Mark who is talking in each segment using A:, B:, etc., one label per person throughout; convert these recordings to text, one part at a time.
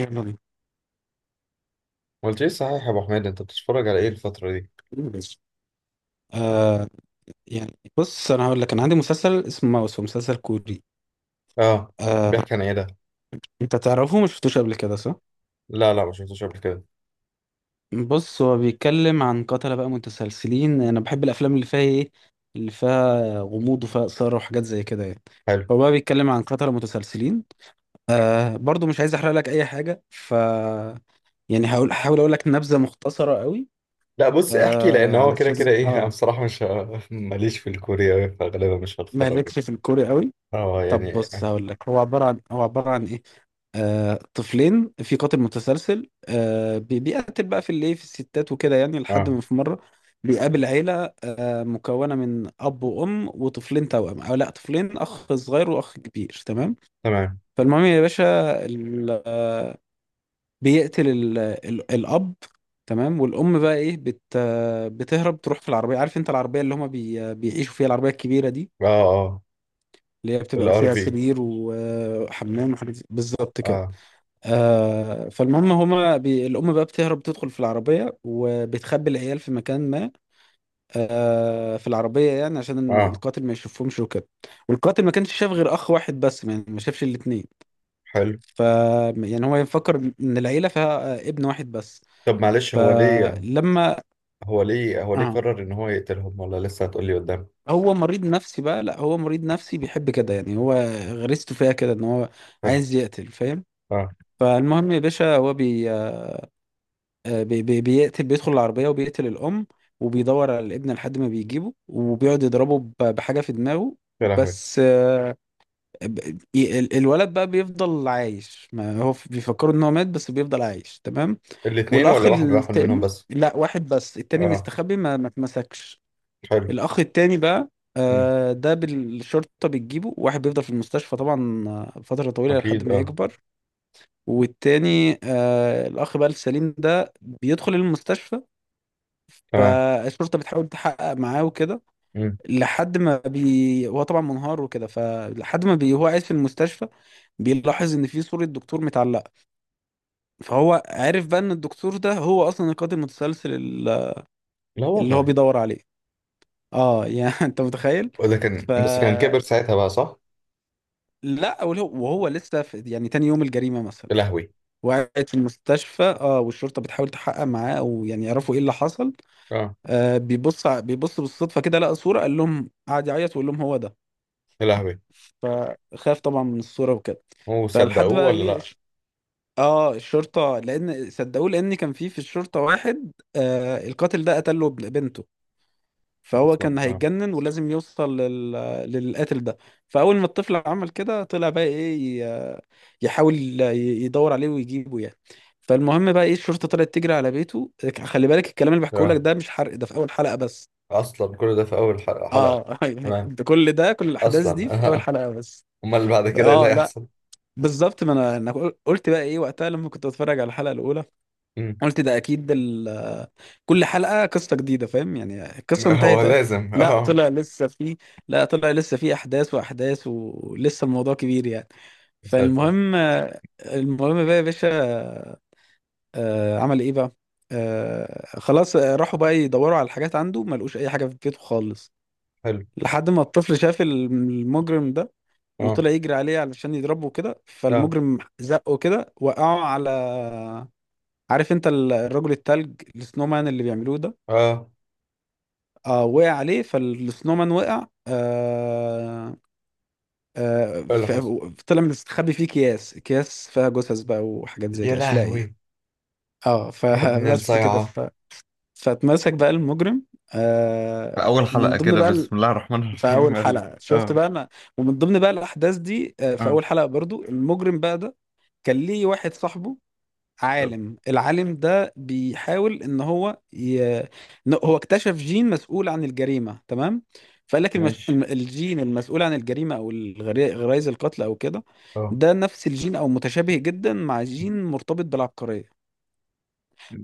A: يلا بينا.
B: ما قلت ايه صحيح يا ابو حميد، انت بتتفرج على ايه الفترة دي؟
A: آه، يعني بص انا هقول لك، انا عندي مسلسل اسمه ماوس، هو مسلسل كوري.
B: اه.
A: آه،
B: بيحكي عن ايه ده؟
A: انت تعرفه، ما شفتوش قبل كده، صح؟
B: لا ما شفتوش قبل كده.
A: بص، هو بيتكلم عن قتلة بقى متسلسلين. انا بحب الافلام اللي فيها ايه، اللي فيها غموض وفيها اثاره وحاجات زي كده يعني.
B: حلو.
A: هو بقى بيتكلم عن قتلة متسلسلين. آه، برضو مش عايز احرق لك اي حاجه، ف يعني هقول هحاول اقول لك نبذه مختصره قوي.
B: لا، بص احكي، لان
A: آه،
B: هو كده
A: علشان
B: كده، ايه، انا
A: اه
B: بصراحة مش ه- ماليش في الكورياوي فغالبا مش
A: ما
B: هتفرج.
A: لكش في الكوري قوي.
B: اه
A: طب
B: يعني.
A: بص هقول لك، هو عباره عن ايه. آه، طفلين، في قاتل متسلسل، بيقتل بقى في الايه، في الستات وكده يعني، لحد
B: اه
A: ما في مره بيقابل عيله مكونه من اب وام وطفلين توأم. او لا، طفلين، اخ صغير واخ كبير، تمام.
B: تمام.
A: فالمهم يا باشا، ال- آه، بيقتل الاب. تمام. والام بقى ايه، بت آه، بتهرب تروح في العربيه، عارف انت العربيه اللي هما بي آه، بيعيشوا فيها، العربيه الكبيره دي،
B: اه اه.
A: اللي هي بتبقى
B: الار
A: فيها
B: في.
A: سرير وحمام وحاجات بالظبط كده.
B: اه
A: آه فالمهم هما بي... الأم بقى بتهرب، تدخل في العربية وبتخبي العيال في مكان ما، آه في العربية يعني عشان
B: اه.
A: القاتل ما يشوفهمش وكده. والقاتل ما كانش شاف غير أخ واحد بس يعني، ما شافش الاتنين.
B: حلو.
A: ف يعني هو يفكر إن العيلة فيها ابن واحد بس.
B: طب معلش، هو ليه
A: فلما
B: هو ليه هو ليه
A: آه،
B: قرر ان هو يقتلهم ولا لسه هتقولي قدام؟
A: هو مريض نفسي بقى. لا، هو مريض نفسي بيحب كده يعني، هو غريزته فيها كده إن هو
B: حلو.
A: عايز يقتل، فاهم.
B: اه.
A: فالمهم يا باشا، هو بي آه، بي بي بيقتل، بيدخل العربية وبيقتل الأم، وبيدور على الابن لحد ما بيجيبه وبيقعد يضربه بحاجة في دماغه.
B: يا لهوي.
A: بس آه، الولد بقى بيفضل عايش. ما هو بيفكروا ان هو مات، بس بيفضل عايش، تمام.
B: الاثنين
A: والأخ
B: ولا واحد منهم
A: التاني،
B: بس؟
A: لا واحد بس، التاني
B: اه.
A: مستخبي ما اتمسكش.
B: حلو.
A: الأخ التاني بقى،
B: امم.
A: آه، ده بالشرطة بتجيبه، واحد بيفضل في المستشفى طبعا آه، فترة طويلة لحد
B: اكيد.
A: ما
B: اه.
A: يكبر. والتاني آه الأخ بقى السليم، ده بيدخل المستشفى،
B: تمام.
A: فالشرطه بتحاول تحقق معاه وكده.
B: امم.
A: لحد ما بي هو طبعا منهار وكده، فلحد ما بي هو قاعد في المستشفى بيلاحظ ان في صوره دكتور متعلقه، فهو عارف بقى ان الدكتور ده هو اصلا القاتل المتسلسل
B: لا
A: اللي هو
B: والله.
A: بيدور عليه. اه يعني انت متخيل؟
B: وده
A: ف
B: كان، بس كان كبر ساعتها بقى صح؟
A: لا، وهو لسه في يعني تاني يوم الجريمه مثلا
B: يا لهوي.
A: وقعت في المستشفى، اه، والشرطه بتحاول تحقق معاه او يعني يعرفوا ايه اللي حصل.
B: اه.
A: آه، بيبص بالصدفه كده لقى صوره، قال لهم، قعد يعيط ويقول لهم هو ده.
B: يا لهوي.
A: فخاف طبعا من الصورة وكده.
B: هو
A: فلحد
B: صدقوه
A: بقى
B: ولا
A: ايه
B: لا؟
A: اه، الشرطة لان صدقوه، لان كان في الشرطة واحد آه، القاتل ده قتله بنته، فهو
B: اصلا.
A: كان
B: اه.
A: هيتجنن ولازم يوصل لل... للقاتل ده. فأول ما الطفل عمل كده طلع بقى ايه يحاول يدور عليه ويجيبه يعني. فالمهم بقى ايه، الشرطة طلعت تجري على بيته. خلي بالك الكلام اللي بحكيه لك
B: اه.
A: ده مش حرق، ده في أول حلقة بس.
B: اصلا كل ده في اول حلقة.
A: اه
B: تمام.
A: ده كل ده، كل الأحداث دي
B: اصلا
A: في أول
B: اه.
A: حلقة بس.
B: امال اللي بعد كده ايه اللي
A: اه لا،
B: هيحصل؟
A: بالظبط. ما انا قلت بقى ايه وقتها لما كنت بتفرج على الحلقه الاولى،
B: مم.
A: قلت ده اكيد ال... كل حلقه قصه جديده، فاهم يعني، القصه
B: ما هو
A: انتهت أهي.
B: لازم
A: لا
B: اه.
A: طلع لسه في، لا طلع لسه في احداث واحداث، ولسه الموضوع كبير يعني.
B: يا ساتر.
A: فالمهم، المهم بقى يا باشا، آه، عمل ايه بقى. آه، خلاص، آه، راحوا بقى يدوروا على الحاجات عنده، ما لقوش اي حاجه في بيته خالص.
B: حلو.
A: لحد ما الطفل شاف المجرم ده،
B: اه.
A: وطلع يجري عليه علشان يضربه كده،
B: اه.
A: فالمجرم زقه كده وقعه على، عارف انت الرجل التلج السنومان اللي بيعملوه ده،
B: اه.
A: آه، وقع عليه، فالسنومان وقع آه. آه،
B: ايه اللي حصل؟
A: طلع مستخبي فيه اكياس، اكياس فيها جثث بقى وحاجات زي
B: يا
A: كده، اشلاء يعني.
B: لهوي.
A: اه
B: يا ابن
A: فبس كده،
B: الصيعة.
A: ف... فاتمسك بقى المجرم.
B: في
A: آه
B: اول
A: من
B: حلقة
A: ضمن
B: كده،
A: بقى،
B: بسم الله الرحمن
A: في
B: الرحيم
A: اول حلقه شفت بقى انا، ومن ضمن بقى الاحداث دي آه، في
B: اه
A: اول حلقه برضو المجرم بقى ده كان ليه واحد صاحبه،
B: طب
A: عالم، العالم ده بيحاول ان هو ي... إن هو اكتشف جين مسؤول عن الجريمه، تمام. فقال لك المش...
B: ماشي.
A: الجين المسؤول عن الجريمه او الغري... غرائز القتل او كده.
B: اه
A: ده نفس الجين او متشابه جدا مع جين مرتبط بالعبقريه.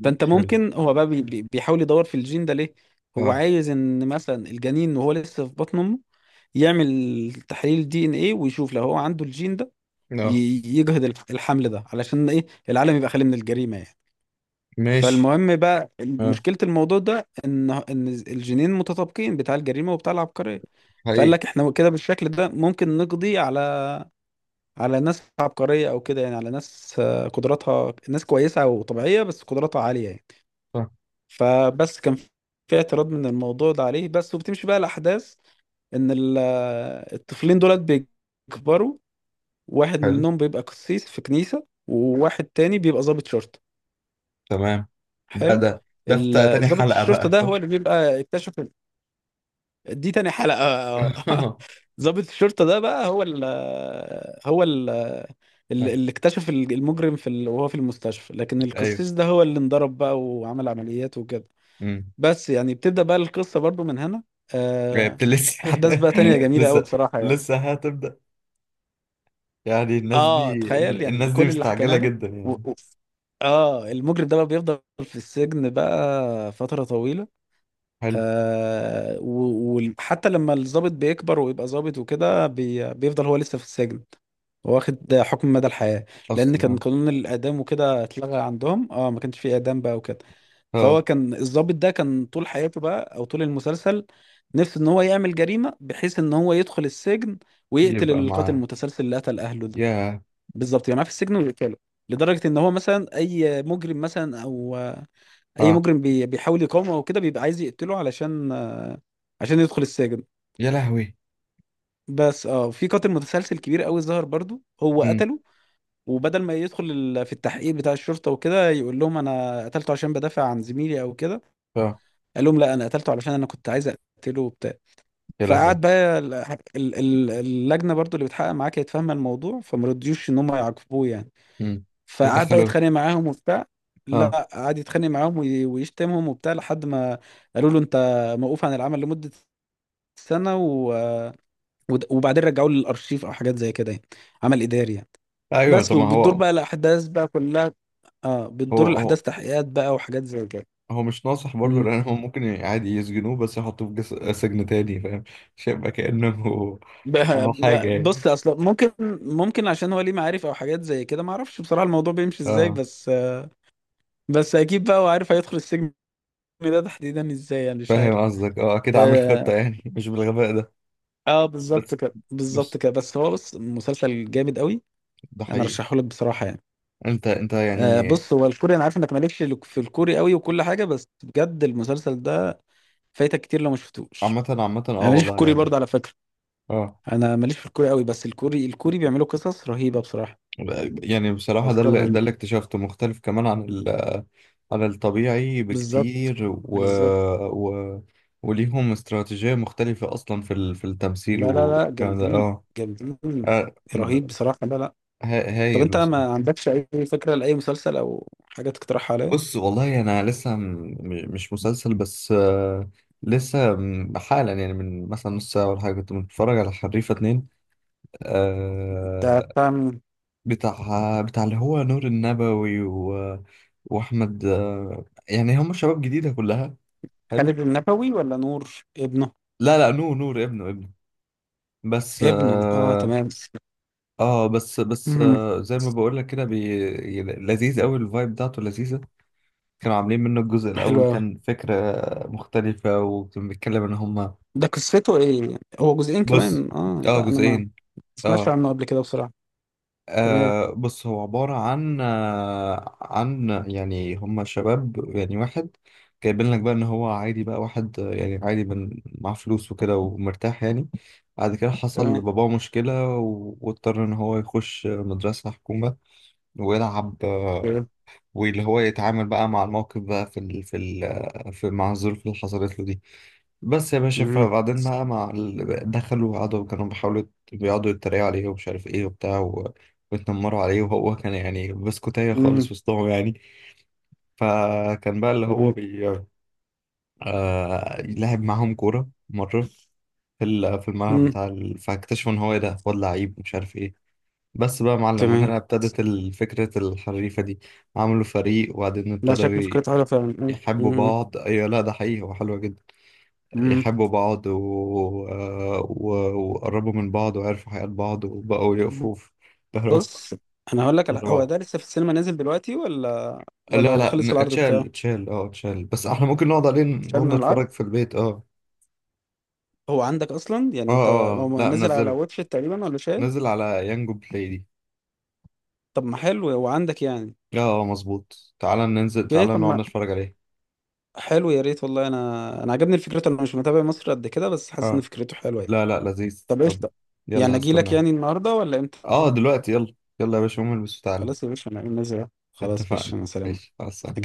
A: فانت
B: حلو.
A: ممكن، هو بقى بيحاول يدور في الجين ده ليه. هو
B: اه.
A: عايز ان مثلا الجنين وهو لسه في بطن امه يعمل تحليل دي ان ايه، ويشوف لو هو عنده الجين ده،
B: اه
A: يجهض الحمل ده، علشان ايه، العالم يبقى خالي من الجريمة يعني.
B: ماشي.
A: فالمهم بقى،
B: اه
A: مشكلة الموضوع ده ان الجينين متطابقين، بتاع الجريمة وبتاع العبقرية. فقال
B: حقيقي.
A: لك احنا كده بالشكل ده ممكن نقضي على، على ناس عبقرية او كده يعني، على ناس آه، قدراتها، ناس كويسة وطبيعية بس قدراتها عالية يعني.
B: صح.
A: فبس كان في اعتراض من الموضوع ده عليه بس، وبتمشي بقى الأحداث إن الطفلين دولت بيكبروا، واحد
B: حلو.
A: منهم بيبقى قسيس في كنيسة وواحد تاني بيبقى ضابط شرطة.
B: تمام. ده
A: حلو.
B: ده ده في تا- تاني
A: ضابط
B: حلقة
A: الشرطة
B: بقى
A: ده
B: صح؟
A: هو اللي بيبقى اكتشف، دي تاني حلقة ضابط الشرطة ده بقى هو ال هو ال اللي اكتشف المجرم في ال... وهو في المستشفى، لكن
B: ايوه.
A: القسيس ده هو اللي انضرب بقى وعمل عمليات وكده.
B: امم.
A: بس يعني بتبدأ بقى القصة برضو من هنا.
B: ايوه
A: آه،
B: لسه.
A: أحداث بقى تانية جميلة أوي
B: لسه
A: بصراحة يعني.
B: لسه هتبدأ. يعني الناس
A: آه،
B: دي
A: تخيل يعني
B: الناس دي
A: كل اللي
B: مستعجلة
A: حكيناه ده.
B: جدا
A: و...
B: يعني.
A: و... آه، المجرم ده بقى بيفضل في السجن بقى فترة طويلة.
B: حلو.
A: آه وحتى لما الضابط بيكبر ويبقى ضابط وكده، بي... بيفضل هو لسه في السجن، واخد حكم مدى الحياة. لأن كان
B: اصلا.
A: قانون الإعدام وكده اتلغى عندهم آه، ما كانش فيه إعدام بقى وكده.
B: اه.
A: فهو
B: اه.
A: كان الضابط ده كان طول حياته بقى او طول المسلسل نفسه ان هو يعمل جريمه بحيث ان هو يدخل السجن ويقتل
B: يبقى
A: القاتل
B: معاه.
A: المتسلسل اللي قتل اهله ده.
B: يا
A: بالظبط يعني، في السجن ويقتله. لدرجه ان هو مثلا اي مجرم مثلا او اي
B: اه.
A: مجرم بيحاول يقاومه او كده بيبقى عايز يقتله علشان، عشان يدخل السجن.
B: يا لهوي.
A: بس اه في قاتل متسلسل كبير قوي ظهر برضو، هو
B: امم.
A: قتله. وبدل ما يدخل في التحقيق بتاع الشرطه وكده يقول لهم انا قتلته عشان بدافع عن زميلي او كده،
B: اه.
A: قال لهم لا، انا قتلته علشان انا كنت عايز اقتله وبتاع.
B: يا لهوي.
A: فقعد بقى اللجنه برضو اللي بتحقق معاه كانت فاهمه الموضوع، فما رضيوش ان هم يعاقبوه يعني.
B: امم.
A: فقعد بقى
B: ودخلوه.
A: يتخانق معاهم وبتاع.
B: اه.
A: لا قعد يتخانق معاهم ويشتمهم وبتاع لحد ما قالوا له انت موقوف عن العمل لمده سنه و... وبعدين رجعوه للارشيف او حاجات زي كده يعني، عمل اداري يعني.
B: ايوه،
A: بس
B: طب ما
A: وبتدور بقى الاحداث بقى كلها. اه بتدور
B: هو هو
A: الاحداث، تحقيقات بقى وحاجات زي كده.
B: هو مش ناصح برضه،
A: إمم.
B: لان هو ممكن عادي يسجنوه بس يحطوه في جس... سجن تاني فاهم. مش هيبقى كأنه
A: ب-
B: عمل حاجة يعني.
A: بص اصلا ممكن عشان هو ليه معارف او حاجات زي كده، ما اعرفش بصراحه الموضوع بيمشي ازاي،
B: اه
A: بس بس اكيد بقى هو عارف هيدخل السجن، ده تحديدا ازاي يعني مش عارف.
B: فاهم قصدك. اه اكيد عامل خطة
A: اه،
B: يعني مش بالغباء ده.
A: آه بالظبط
B: بس
A: كده، بالظبط
B: بص.
A: كده، بس هو بص مسلسل جامد قوي،
B: ده
A: انا
B: حقيقي.
A: رشحه لك بصراحه يعني.
B: انت
A: آه
B: يعني.
A: بص، هو الكوري انا عارف انك مالكش لك في الكوري قوي وكل حاجه، بس بجد المسلسل ده فايتك كتير لو ما شفتوش.
B: عامة عامة
A: انا
B: اه
A: ماليش في
B: والله
A: الكوري
B: يعني.
A: برضه على فكره،
B: اه
A: انا ماليش في الكوري قوي، بس الكوري، الكوري بيعملوا قصص رهيبه بصراحه،
B: يعني بصراحة ده
A: افكار
B: اللي ده
A: رهيبه.
B: اللي اكتشفته مختلف كمان عن ال... عن الطبيعي
A: بالظبط،
B: بكتير و...
A: بالظبط.
B: و... وليهم استراتيجية مختلفة أصلا في ال... في التمثيل
A: لا لا لا،
B: والكلام ده.
A: جامدين،
B: اه
A: جامدين،
B: آه،
A: رهيب بصراحة، لا لا. طب
B: هايل
A: انت ما
B: بصراحة.
A: عندكش اي فكرة لأي مسلسل او حاجة تقترحها عليا؟
B: بص والله أنا مش مسلسل. بس آه، حالا يعني من مثلا نص ساعة ولا حاجة كنت بتفرج على حريفة اتنين.
A: انت
B: آه،
A: بتاع مين؟
B: بتاع اللي هو نور النبوي و... وأحمد. آه، يعني هم شباب جديدة كلها. حلو.
A: خالد النبوي ولا نور ابنه؟
B: لا، لا نور ابنه. بس
A: ابنه اه
B: اه.
A: تمام.
B: آه، بس بس
A: امم،
B: آه زي ما بقول لك كده، لذيذ قوي. الفايب بتاعته لذيذة. كانوا عاملين منه الجزء
A: حلو
B: الأول،
A: أوي.
B: كان فكرة مختلفة وكان بيتكلم إن هما.
A: ده قصته ايه، هو جزئين
B: بص.
A: كمان؟ اه
B: اه
A: لا انا ما
B: جزئين.
A: سمعتش
B: اه.
A: عنه قبل كده بصراحة. تمام.
B: آه بص هو عبارة عن آه عن يعني هما شباب يعني واحد. جايبين لك بقى إن هو عادي بقى واحد آه، يعني عادي من مع فلوس وكده ومرتاح يعني. بعد كده حصل
A: تمام.
B: لباباه مشكلة واضطر إن هو يخش مدرسة حكومة ويلعب آه.
A: تمام.
B: واللي هو يتعامل بقى مع الموقف بقى في ال في ال في مع الظروف اللي حصلت له دي. بس يا باشا،
A: مم.
B: فبعدين بقى مع ال... دخلوا وقعدوا كانوا بيحاولوا بيقعدوا يتريقوا عليه ومش عارف ايه وبتاع و... ويتنمروا عليه، وهو كان يعني بسكوتية خالص
A: مم.
B: وسطهم يعني. فكان بقى اللي هو
A: تمام.
B: بي آه... لعب معاهم كورة مرة في في الملعب
A: مم.
B: بتاع ال... فاكتشفوا ان هو ايه، ده واد لعيب مش عارف ايه. بس بقى يا معلم،
A: تمام.
B: وهنا ابتدت فكرة الحريفة دي. عملوا فريق وبعدين
A: لا،
B: ابتدوا
A: شكل فكرته حلوة فعلا.
B: يحبوا
A: مم.
B: بعض. ايوه، لا ده حقيقي هو حلوة جدا.
A: مم.
B: يحبوا بعض و... و... وقربوا من بعض وعرفوا حياة بعض وبقوا
A: مم.
B: يقفوا في ظهر
A: بص انا هقول لك على، هو
B: بعض.
A: ده لسه في السينما نازل دلوقتي ولا
B: لا،
A: ولا
B: لا
A: خلص العرض
B: اتشال
A: بتاعه؟
B: اتشال اه اتشال بس احنا ممكن نقعد عليه،
A: مش عارف
B: نقعد
A: من العرض.
B: نتفرج في البيت. اه
A: هو عندك اصلا يعني انت،
B: اه.
A: هو
B: لا
A: نازل على
B: منزله.
A: واتش إت تقريبا ولا شاهد؟
B: نزل على يانجو بلاي دي.
A: طب ما حلو، هو عندك يعني.
B: اه اه مظبوط، تعالى ننزل،
A: اوكي
B: تعالى
A: طب
B: نقعد
A: ما
B: نتفرج عليه
A: حلو، يا ريت والله، انا عجبني الفكرة، انا مش متابع مصر قد كده بس حاسس ان
B: اه.
A: فكرته حلوه يعني.
B: لا، لا لذيذ.
A: طب
B: طب
A: قشطه، يعني
B: يلا
A: اجي لك يعني
B: هستناك.
A: النهارده ولا امتى؟
B: اه دلوقتي، يلا يلا يا باشا قوم البس وتعالى.
A: خلاص يا باشا انا نازل. خلاص يا
B: اتفقنا.
A: باشا انا سلام.
B: ماشي مع السلامة.